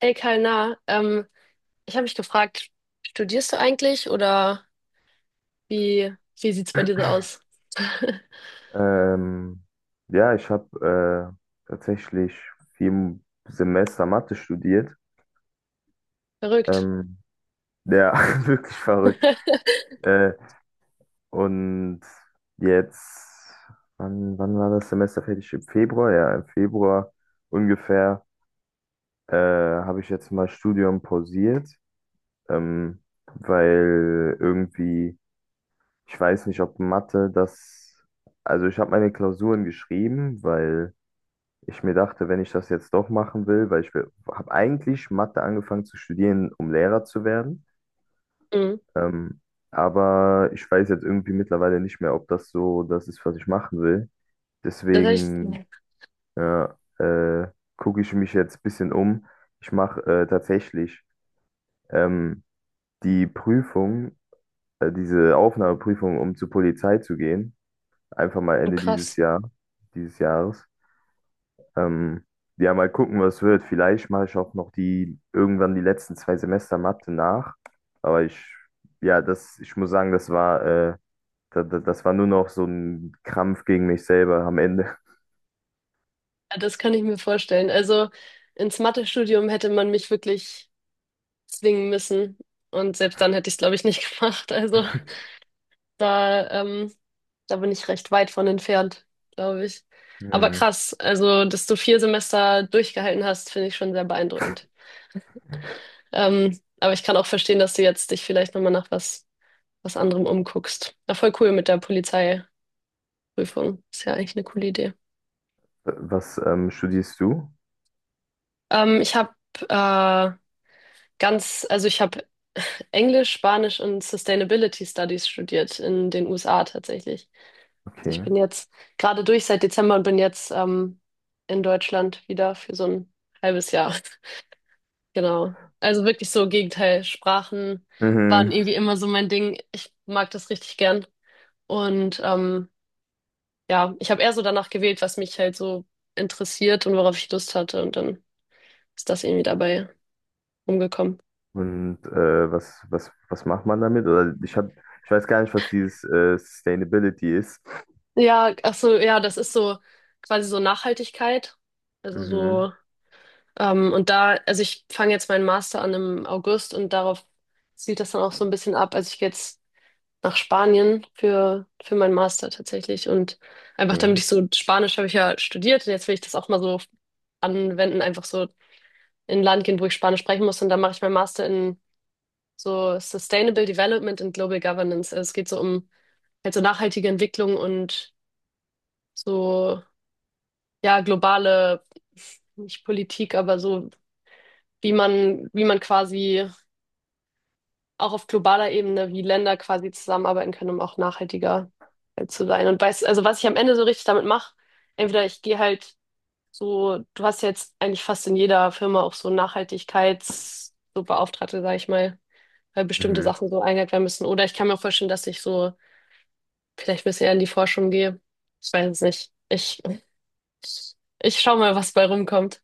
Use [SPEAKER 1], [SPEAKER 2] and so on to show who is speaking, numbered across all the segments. [SPEAKER 1] Hey Kalna, ich habe mich gefragt, studierst du eigentlich oder wie, wie sieht's bei dir so aus?
[SPEAKER 2] Ähm, ja, Ich habe tatsächlich 4 Semester Mathe studiert.
[SPEAKER 1] Verrückt.
[SPEAKER 2] Ähm, ja, wirklich verrückt. Äh, und jetzt, wann war das Semester fertig? Im Februar? Ja, im Februar ungefähr habe ich jetzt mal Studium pausiert, ähm, weil irgendwie, ich weiß nicht, ob Mathe das, also ich habe meine Klausuren geschrieben, weil ich mir dachte, wenn ich das jetzt doch machen will, weil ich habe eigentlich Mathe angefangen zu studieren, um Lehrer zu werden.
[SPEAKER 1] Mhm.
[SPEAKER 2] Ähm, aber ich weiß jetzt irgendwie mittlerweile nicht mehr, ob das so das ist, was ich machen will.
[SPEAKER 1] Das hab ich,
[SPEAKER 2] Deswegen ja, gucke ich mich jetzt ein bisschen um. Ich mache tatsächlich ähm, die Prüfung, diese Aufnahmeprüfung, um zur Polizei zu gehen. Einfach mal
[SPEAKER 1] oh
[SPEAKER 2] Ende dieses
[SPEAKER 1] krass.
[SPEAKER 2] Jahres. Ähm, ja, mal gucken, was wird. Vielleicht mache ich auch noch die irgendwann die letzten 2 Semester Mathe nach. Aber ich, ja, das, ich muss sagen, das war, das war nur noch so ein Krampf gegen mich selber am Ende.
[SPEAKER 1] Ja, das kann ich mir vorstellen. Also ins Mathestudium hätte man mich wirklich zwingen müssen und selbst dann hätte ich es, glaube ich, nicht gemacht. Also da, da bin ich recht weit von entfernt, glaube ich. Aber
[SPEAKER 2] Hm.
[SPEAKER 1] krass, also dass du vier Semester durchgehalten hast, finde ich schon sehr beeindruckend. Aber ich kann auch verstehen, dass du jetzt dich vielleicht nochmal was anderem umguckst. Ja, voll cool mit der Polizeiprüfung. Ist ja eigentlich eine coole Idee.
[SPEAKER 2] Was studierst du?
[SPEAKER 1] Ich habe äh, also ich habe Englisch, Spanisch und Sustainability Studies studiert in den USA tatsächlich. Also ich
[SPEAKER 2] Okay.
[SPEAKER 1] bin jetzt gerade durch seit Dezember und bin jetzt in Deutschland wieder für so ein halbes Jahr. Genau. Also wirklich so Gegenteil. Sprachen waren
[SPEAKER 2] Mhm.
[SPEAKER 1] irgendwie immer so mein Ding. Ich mag das richtig gern. Und ja, ich habe eher so danach gewählt, was mich halt so interessiert und worauf ich Lust hatte. Und dann ist das irgendwie dabei rumgekommen.
[SPEAKER 2] Und was, was macht man damit? Oder ich hab, ich weiß gar nicht, was dieses Sustainability ist.
[SPEAKER 1] Ja, ach so, ja, das ist so quasi so Nachhaltigkeit. Also
[SPEAKER 2] Mhm.
[SPEAKER 1] so, und da, also ich fange jetzt meinen Master an im August und darauf zielt das dann auch so ein bisschen ab. Also ich gehe jetzt nach Spanien für meinen Master tatsächlich. Und einfach damit ich
[SPEAKER 2] Okay.
[SPEAKER 1] so, Spanisch habe ich ja studiert und jetzt will ich das auch mal so anwenden, einfach so in ein Land gehen, wo ich Spanisch sprechen muss. Und dann mache ich meinen Master in so Sustainable Development and Global Governance. Also es geht so um halt so nachhaltige Entwicklung und so, ja, globale, nicht Politik, aber so, wie man quasi auch auf globaler Ebene, wie Länder quasi zusammenarbeiten können, um auch nachhaltiger halt zu sein. Und weiß, also was ich am Ende so richtig damit mache, entweder ich gehe halt so, du hast ja jetzt eigentlich fast in jeder Firma auch so Nachhaltigkeits, so Beauftragte, sag ich mal, weil bestimmte
[SPEAKER 2] Mhm.
[SPEAKER 1] Sachen so eingehalten werden müssen. Oder ich kann mir auch vorstellen, dass ich so vielleicht ein bisschen eher in die Forschung gehe. Ich weiß es nicht. Ich schau mal, was bei rumkommt.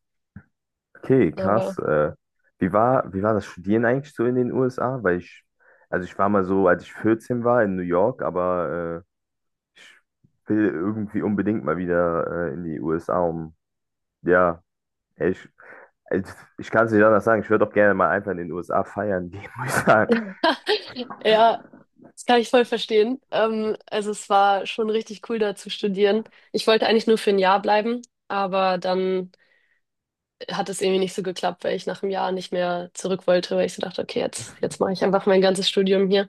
[SPEAKER 2] Okay,
[SPEAKER 1] Aber
[SPEAKER 2] krass. Wie war, wie war das Studieren eigentlich so in den USA? Weil ich, also ich war mal so, als ich 14 war in New York, aber äh, ich will irgendwie unbedingt mal wieder in die USA, um, ja, ich, also, ich kann es nicht anders sagen. Ich würde auch gerne mal einfach in den USA feiern gehen, muss ich sagen.
[SPEAKER 1] ja, das kann ich voll verstehen. Also es war schon richtig cool, da zu studieren. Ich wollte eigentlich nur für ein Jahr bleiben, aber dann hat es irgendwie nicht so geklappt, weil ich nach einem Jahr nicht mehr zurück wollte, weil ich so dachte, okay, jetzt mache ich einfach mein ganzes Studium hier.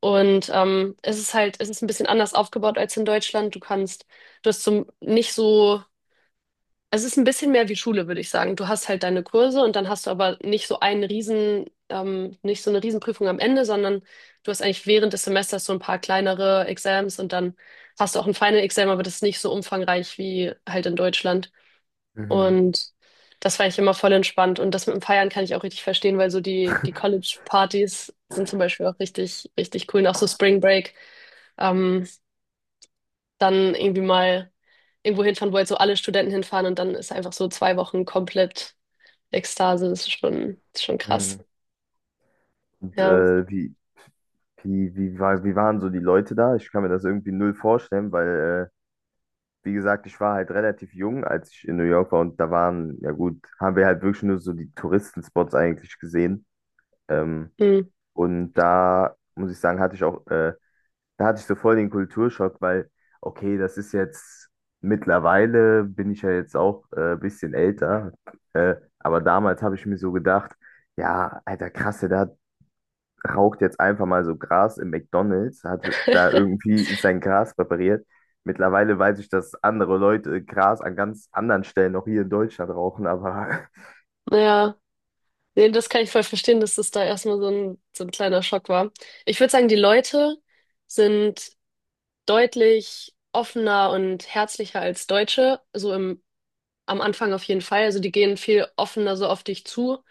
[SPEAKER 1] Und es ist ein bisschen anders aufgebaut als in Deutschland. Du kannst, du hast zum, nicht so. Es ist ein bisschen mehr wie Schule, würde ich sagen. Du hast halt deine Kurse und dann hast du aber nicht so einen nicht so eine Riesenprüfung am Ende, sondern du hast eigentlich während des Semesters so ein paar kleinere Exams und dann hast du auch ein Final Exam, aber das ist nicht so umfangreich wie halt in Deutschland.
[SPEAKER 2] Mhm.
[SPEAKER 1] Und das fand ich immer voll entspannt. Und das mit dem Feiern kann ich auch richtig verstehen, weil so die College-Partys sind zum Beispiel auch richtig, richtig cool. Und auch so Spring Break. Ähm, dann irgendwie mal irgendwo hinfahren, wo jetzt so alle Studenten hinfahren und dann ist einfach so zwei Wochen komplett Ekstase. Das ist schon krass.
[SPEAKER 2] Mhm. Und
[SPEAKER 1] Ja.
[SPEAKER 2] wie, wie war, wie waren so die Leute da? Ich kann mir das irgendwie null vorstellen, weil wie gesagt, ich war halt relativ jung, als ich in New York war und da waren, ja gut, haben wir halt wirklich nur so die Touristenspots eigentlich gesehen. Ähm,
[SPEAKER 1] Hm.
[SPEAKER 2] und da muss ich sagen, hatte ich auch, da hatte ich so voll den Kulturschock, weil, okay, das ist jetzt, mittlerweile bin ich ja jetzt auch ein bisschen älter, aber damals habe ich mir so gedacht, ja, Alter, krass, da raucht jetzt einfach mal so Gras im McDonald's, hat da irgendwie sein Gras präpariert. Mittlerweile weiß ich, dass andere Leute Gras an ganz anderen Stellen auch hier in Deutschland rauchen, aber
[SPEAKER 1] Naja, nee, das kann ich voll verstehen, dass das da erstmal so so ein kleiner Schock war. Ich würde sagen, die Leute sind deutlich offener und herzlicher als Deutsche, so am Anfang auf jeden Fall. Also die gehen viel offener so auf dich zu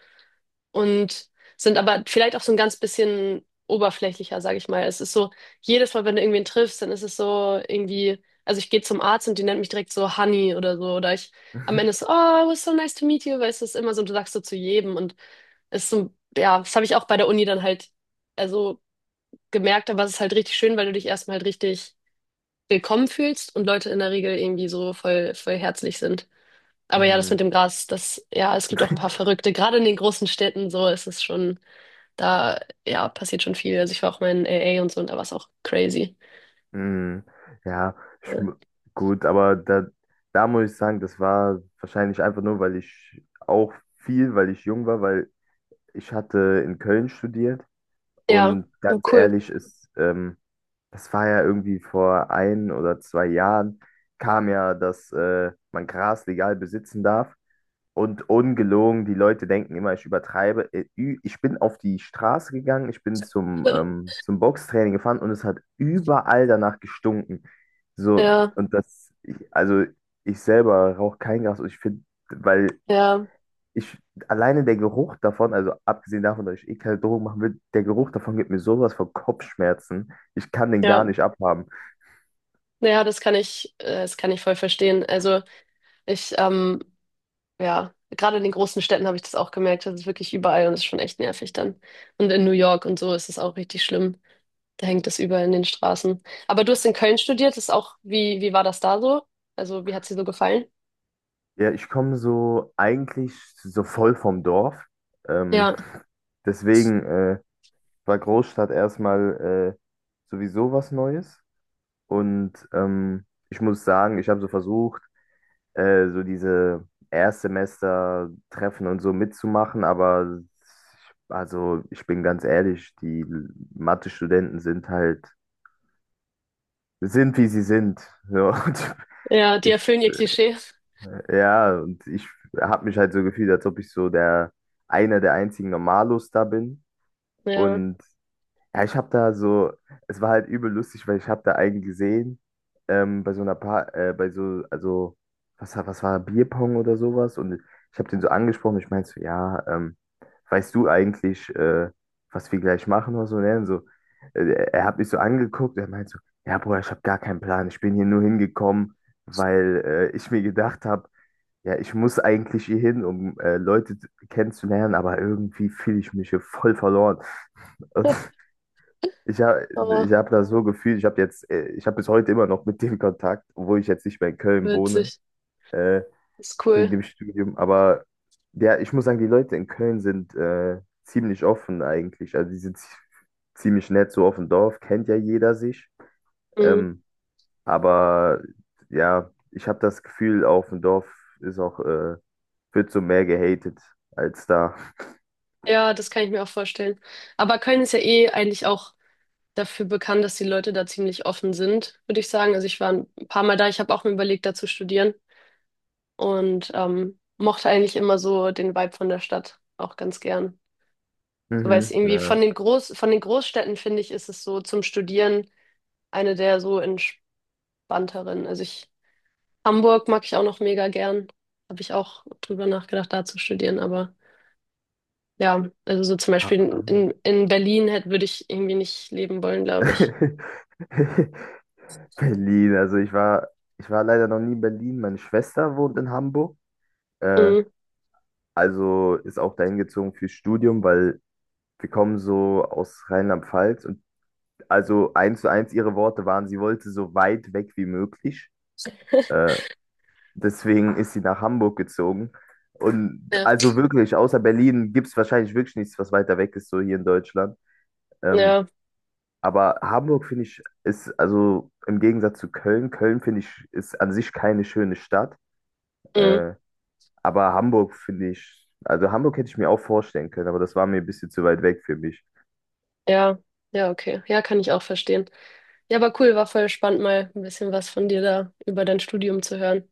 [SPEAKER 1] und sind aber vielleicht auch so ein ganz bisschen oberflächlicher, sage ich mal. Es ist so, jedes Mal, wenn du irgendwen triffst, dann ist es so irgendwie, also ich gehe zum Arzt und die nennt mich direkt so Honey oder so. Oder ich am Ende ist so, oh, it was so nice to meet you, weil es ist immer so, du sagst so zu jedem. Und es ist so, ja, das habe ich auch bei der Uni dann halt, also gemerkt, aber es ist halt richtig schön, weil du dich erstmal halt richtig willkommen fühlst und Leute in der Regel irgendwie so voll, voll herzlich sind. Aber ja, das mit
[SPEAKER 2] Mhm.
[SPEAKER 1] dem Gras, das, ja, es gibt auch ein paar Verrückte. Gerade in den großen Städten so ist es schon. Da, ja, passiert schon viel. Also ich war auch mal in AA und so und da war es auch crazy.
[SPEAKER 2] Mhm. Ja, ich,
[SPEAKER 1] Ja,
[SPEAKER 2] mu- gut, aber da, da muss ich sagen, das war wahrscheinlich einfach nur, weil ich auch viel, weil ich jung war, weil ich hatte in Köln studiert
[SPEAKER 1] ja,
[SPEAKER 2] und
[SPEAKER 1] oh,
[SPEAKER 2] ganz
[SPEAKER 1] cool.
[SPEAKER 2] ehrlich ist, das war ja irgendwie vor ein oder zwei Jahren, kam ja, dass man Gras legal besitzen darf. Und ungelogen, die Leute denken immer, ich übertreibe. Ich bin auf die Straße gegangen, ich bin zum, zum Boxtraining gefahren und es hat überall danach gestunken. So,
[SPEAKER 1] Ja,
[SPEAKER 2] und das, ich, also ich selber rauche kein Gras und ich finde, weil
[SPEAKER 1] ja,
[SPEAKER 2] ich alleine der Geruch davon, also abgesehen davon, dass ich eh keine Drogen machen will, der Geruch davon gibt mir sowas von Kopfschmerzen. Ich kann den gar
[SPEAKER 1] ja.
[SPEAKER 2] nicht abhaben.
[SPEAKER 1] Naja, das kann ich voll verstehen. Also ich, ähm, ja, gerade in den großen Städten habe ich das auch gemerkt. Das ist wirklich überall und das ist schon echt nervig dann. Und in New York und so ist es auch richtig schlimm. Da hängt das überall in den Straßen. Aber du hast in Köln studiert, das ist auch, wie war das da so? Also wie hat es dir so gefallen?
[SPEAKER 2] Ja, ich komme so eigentlich so voll vom Dorf. Ähm,
[SPEAKER 1] Ja,
[SPEAKER 2] deswegen war Großstadt erstmal sowieso was Neues. Und ich muss sagen, ich habe so versucht, so diese Erstsemester-Treffen und so mitzumachen, aber ich, also ich bin ganz ehrlich, die Mathe-Studenten sind halt, sind wie sie sind. So, und
[SPEAKER 1] ja, die
[SPEAKER 2] ich
[SPEAKER 1] erfüllen ihr Klischee.
[SPEAKER 2] Ich habe mich halt so gefühlt, als ob ich so der einer der einzigen Normalos da bin.
[SPEAKER 1] Ja,
[SPEAKER 2] Und ja, ich habe da so, es war halt übel lustig, weil ich habe da einen gesehen, bei so einer Paar, bei so, also, Bierpong oder sowas. Und ich habe den so angesprochen, ich meinte so, ja, weißt du eigentlich, was wir gleich machen oder so? Und er dann so, äh, er hat mich so angeguckt, er meinte so, ja, Bruder, ich habe gar keinen Plan, ich bin hier nur hingekommen, weil ich mir gedacht habe, ja, ich muss eigentlich hier hin, um kennenzulernen, aber irgendwie fühle ich mich hier voll verloren. Und ich habe ich
[SPEAKER 1] oh,
[SPEAKER 2] hab das so gefühlt, ich habe bis heute immer noch mit dem Kontakt, obwohl ich jetzt nicht mehr in Köln wohne,
[SPEAKER 1] witzig.
[SPEAKER 2] äh,
[SPEAKER 1] Ist
[SPEAKER 2] wegen
[SPEAKER 1] cool.
[SPEAKER 2] dem Studium. Aber ja, ich muss sagen, die Leute in Köln sind ziemlich offen eigentlich. Also die sind ziemlich nett, so auf dem Dorf, kennt ja jeder sich.
[SPEAKER 1] Mhm.
[SPEAKER 2] Ähm, aber ja, ich habe das Gefühl, auf dem Dorf ist auch wird so mehr gehatet als da.
[SPEAKER 1] Ja, das kann ich mir auch vorstellen. Aber Köln ist ja eh eigentlich auch dafür bekannt, dass die Leute da ziemlich offen sind, würde ich sagen. Also ich war ein paar Mal da, ich habe auch mir überlegt, da zu studieren und mochte eigentlich immer so den Vibe von der Stadt auch ganz gern. So, weil es
[SPEAKER 2] Mhm.
[SPEAKER 1] irgendwie von
[SPEAKER 2] Ja.
[SPEAKER 1] den von den Großstädten, finde ich, ist es so zum Studieren eine der so entspannteren. Also ich, Hamburg mag ich auch noch mega gern. Habe ich auch drüber nachgedacht, da zu studieren, aber. Ja, also so zum
[SPEAKER 2] Ha-
[SPEAKER 1] Beispiel
[SPEAKER 2] am-
[SPEAKER 1] in Berlin hätte, würde ich irgendwie nicht leben wollen, glaube ich.
[SPEAKER 2] Berlin, also ich war leider noch nie in Berlin. Meine Schwester wohnt in Hamburg. Äh,
[SPEAKER 1] Mhm.
[SPEAKER 2] also ist auch dahin gezogen fürs Studium, weil wir kommen so aus Rheinland-Pfalz und also eins zu eins ihre Worte waren, sie wollte so weit weg wie möglich. Äh, Deswegen ist sie nach Hamburg gezogen. Und
[SPEAKER 1] Ja.
[SPEAKER 2] also wirklich, außer Berlin gibt es wahrscheinlich wirklich nichts, was weiter weg ist, so hier in Deutschland. Ähm,
[SPEAKER 1] Ja,
[SPEAKER 2] aber Hamburg finde ich, ist also im Gegensatz zu Köln, Köln finde ich, ist an sich keine schöne Stadt.
[SPEAKER 1] mhm.
[SPEAKER 2] Äh, aber Hamburg finde ich, also Hamburg hätte ich mir auch vorstellen können, aber das war mir ein bisschen zu weit weg für mich.
[SPEAKER 1] Ja, ja, okay. Ja, kann ich auch verstehen. Ja, aber cool, war voll spannend, mal ein bisschen was von dir da über dein Studium zu hören.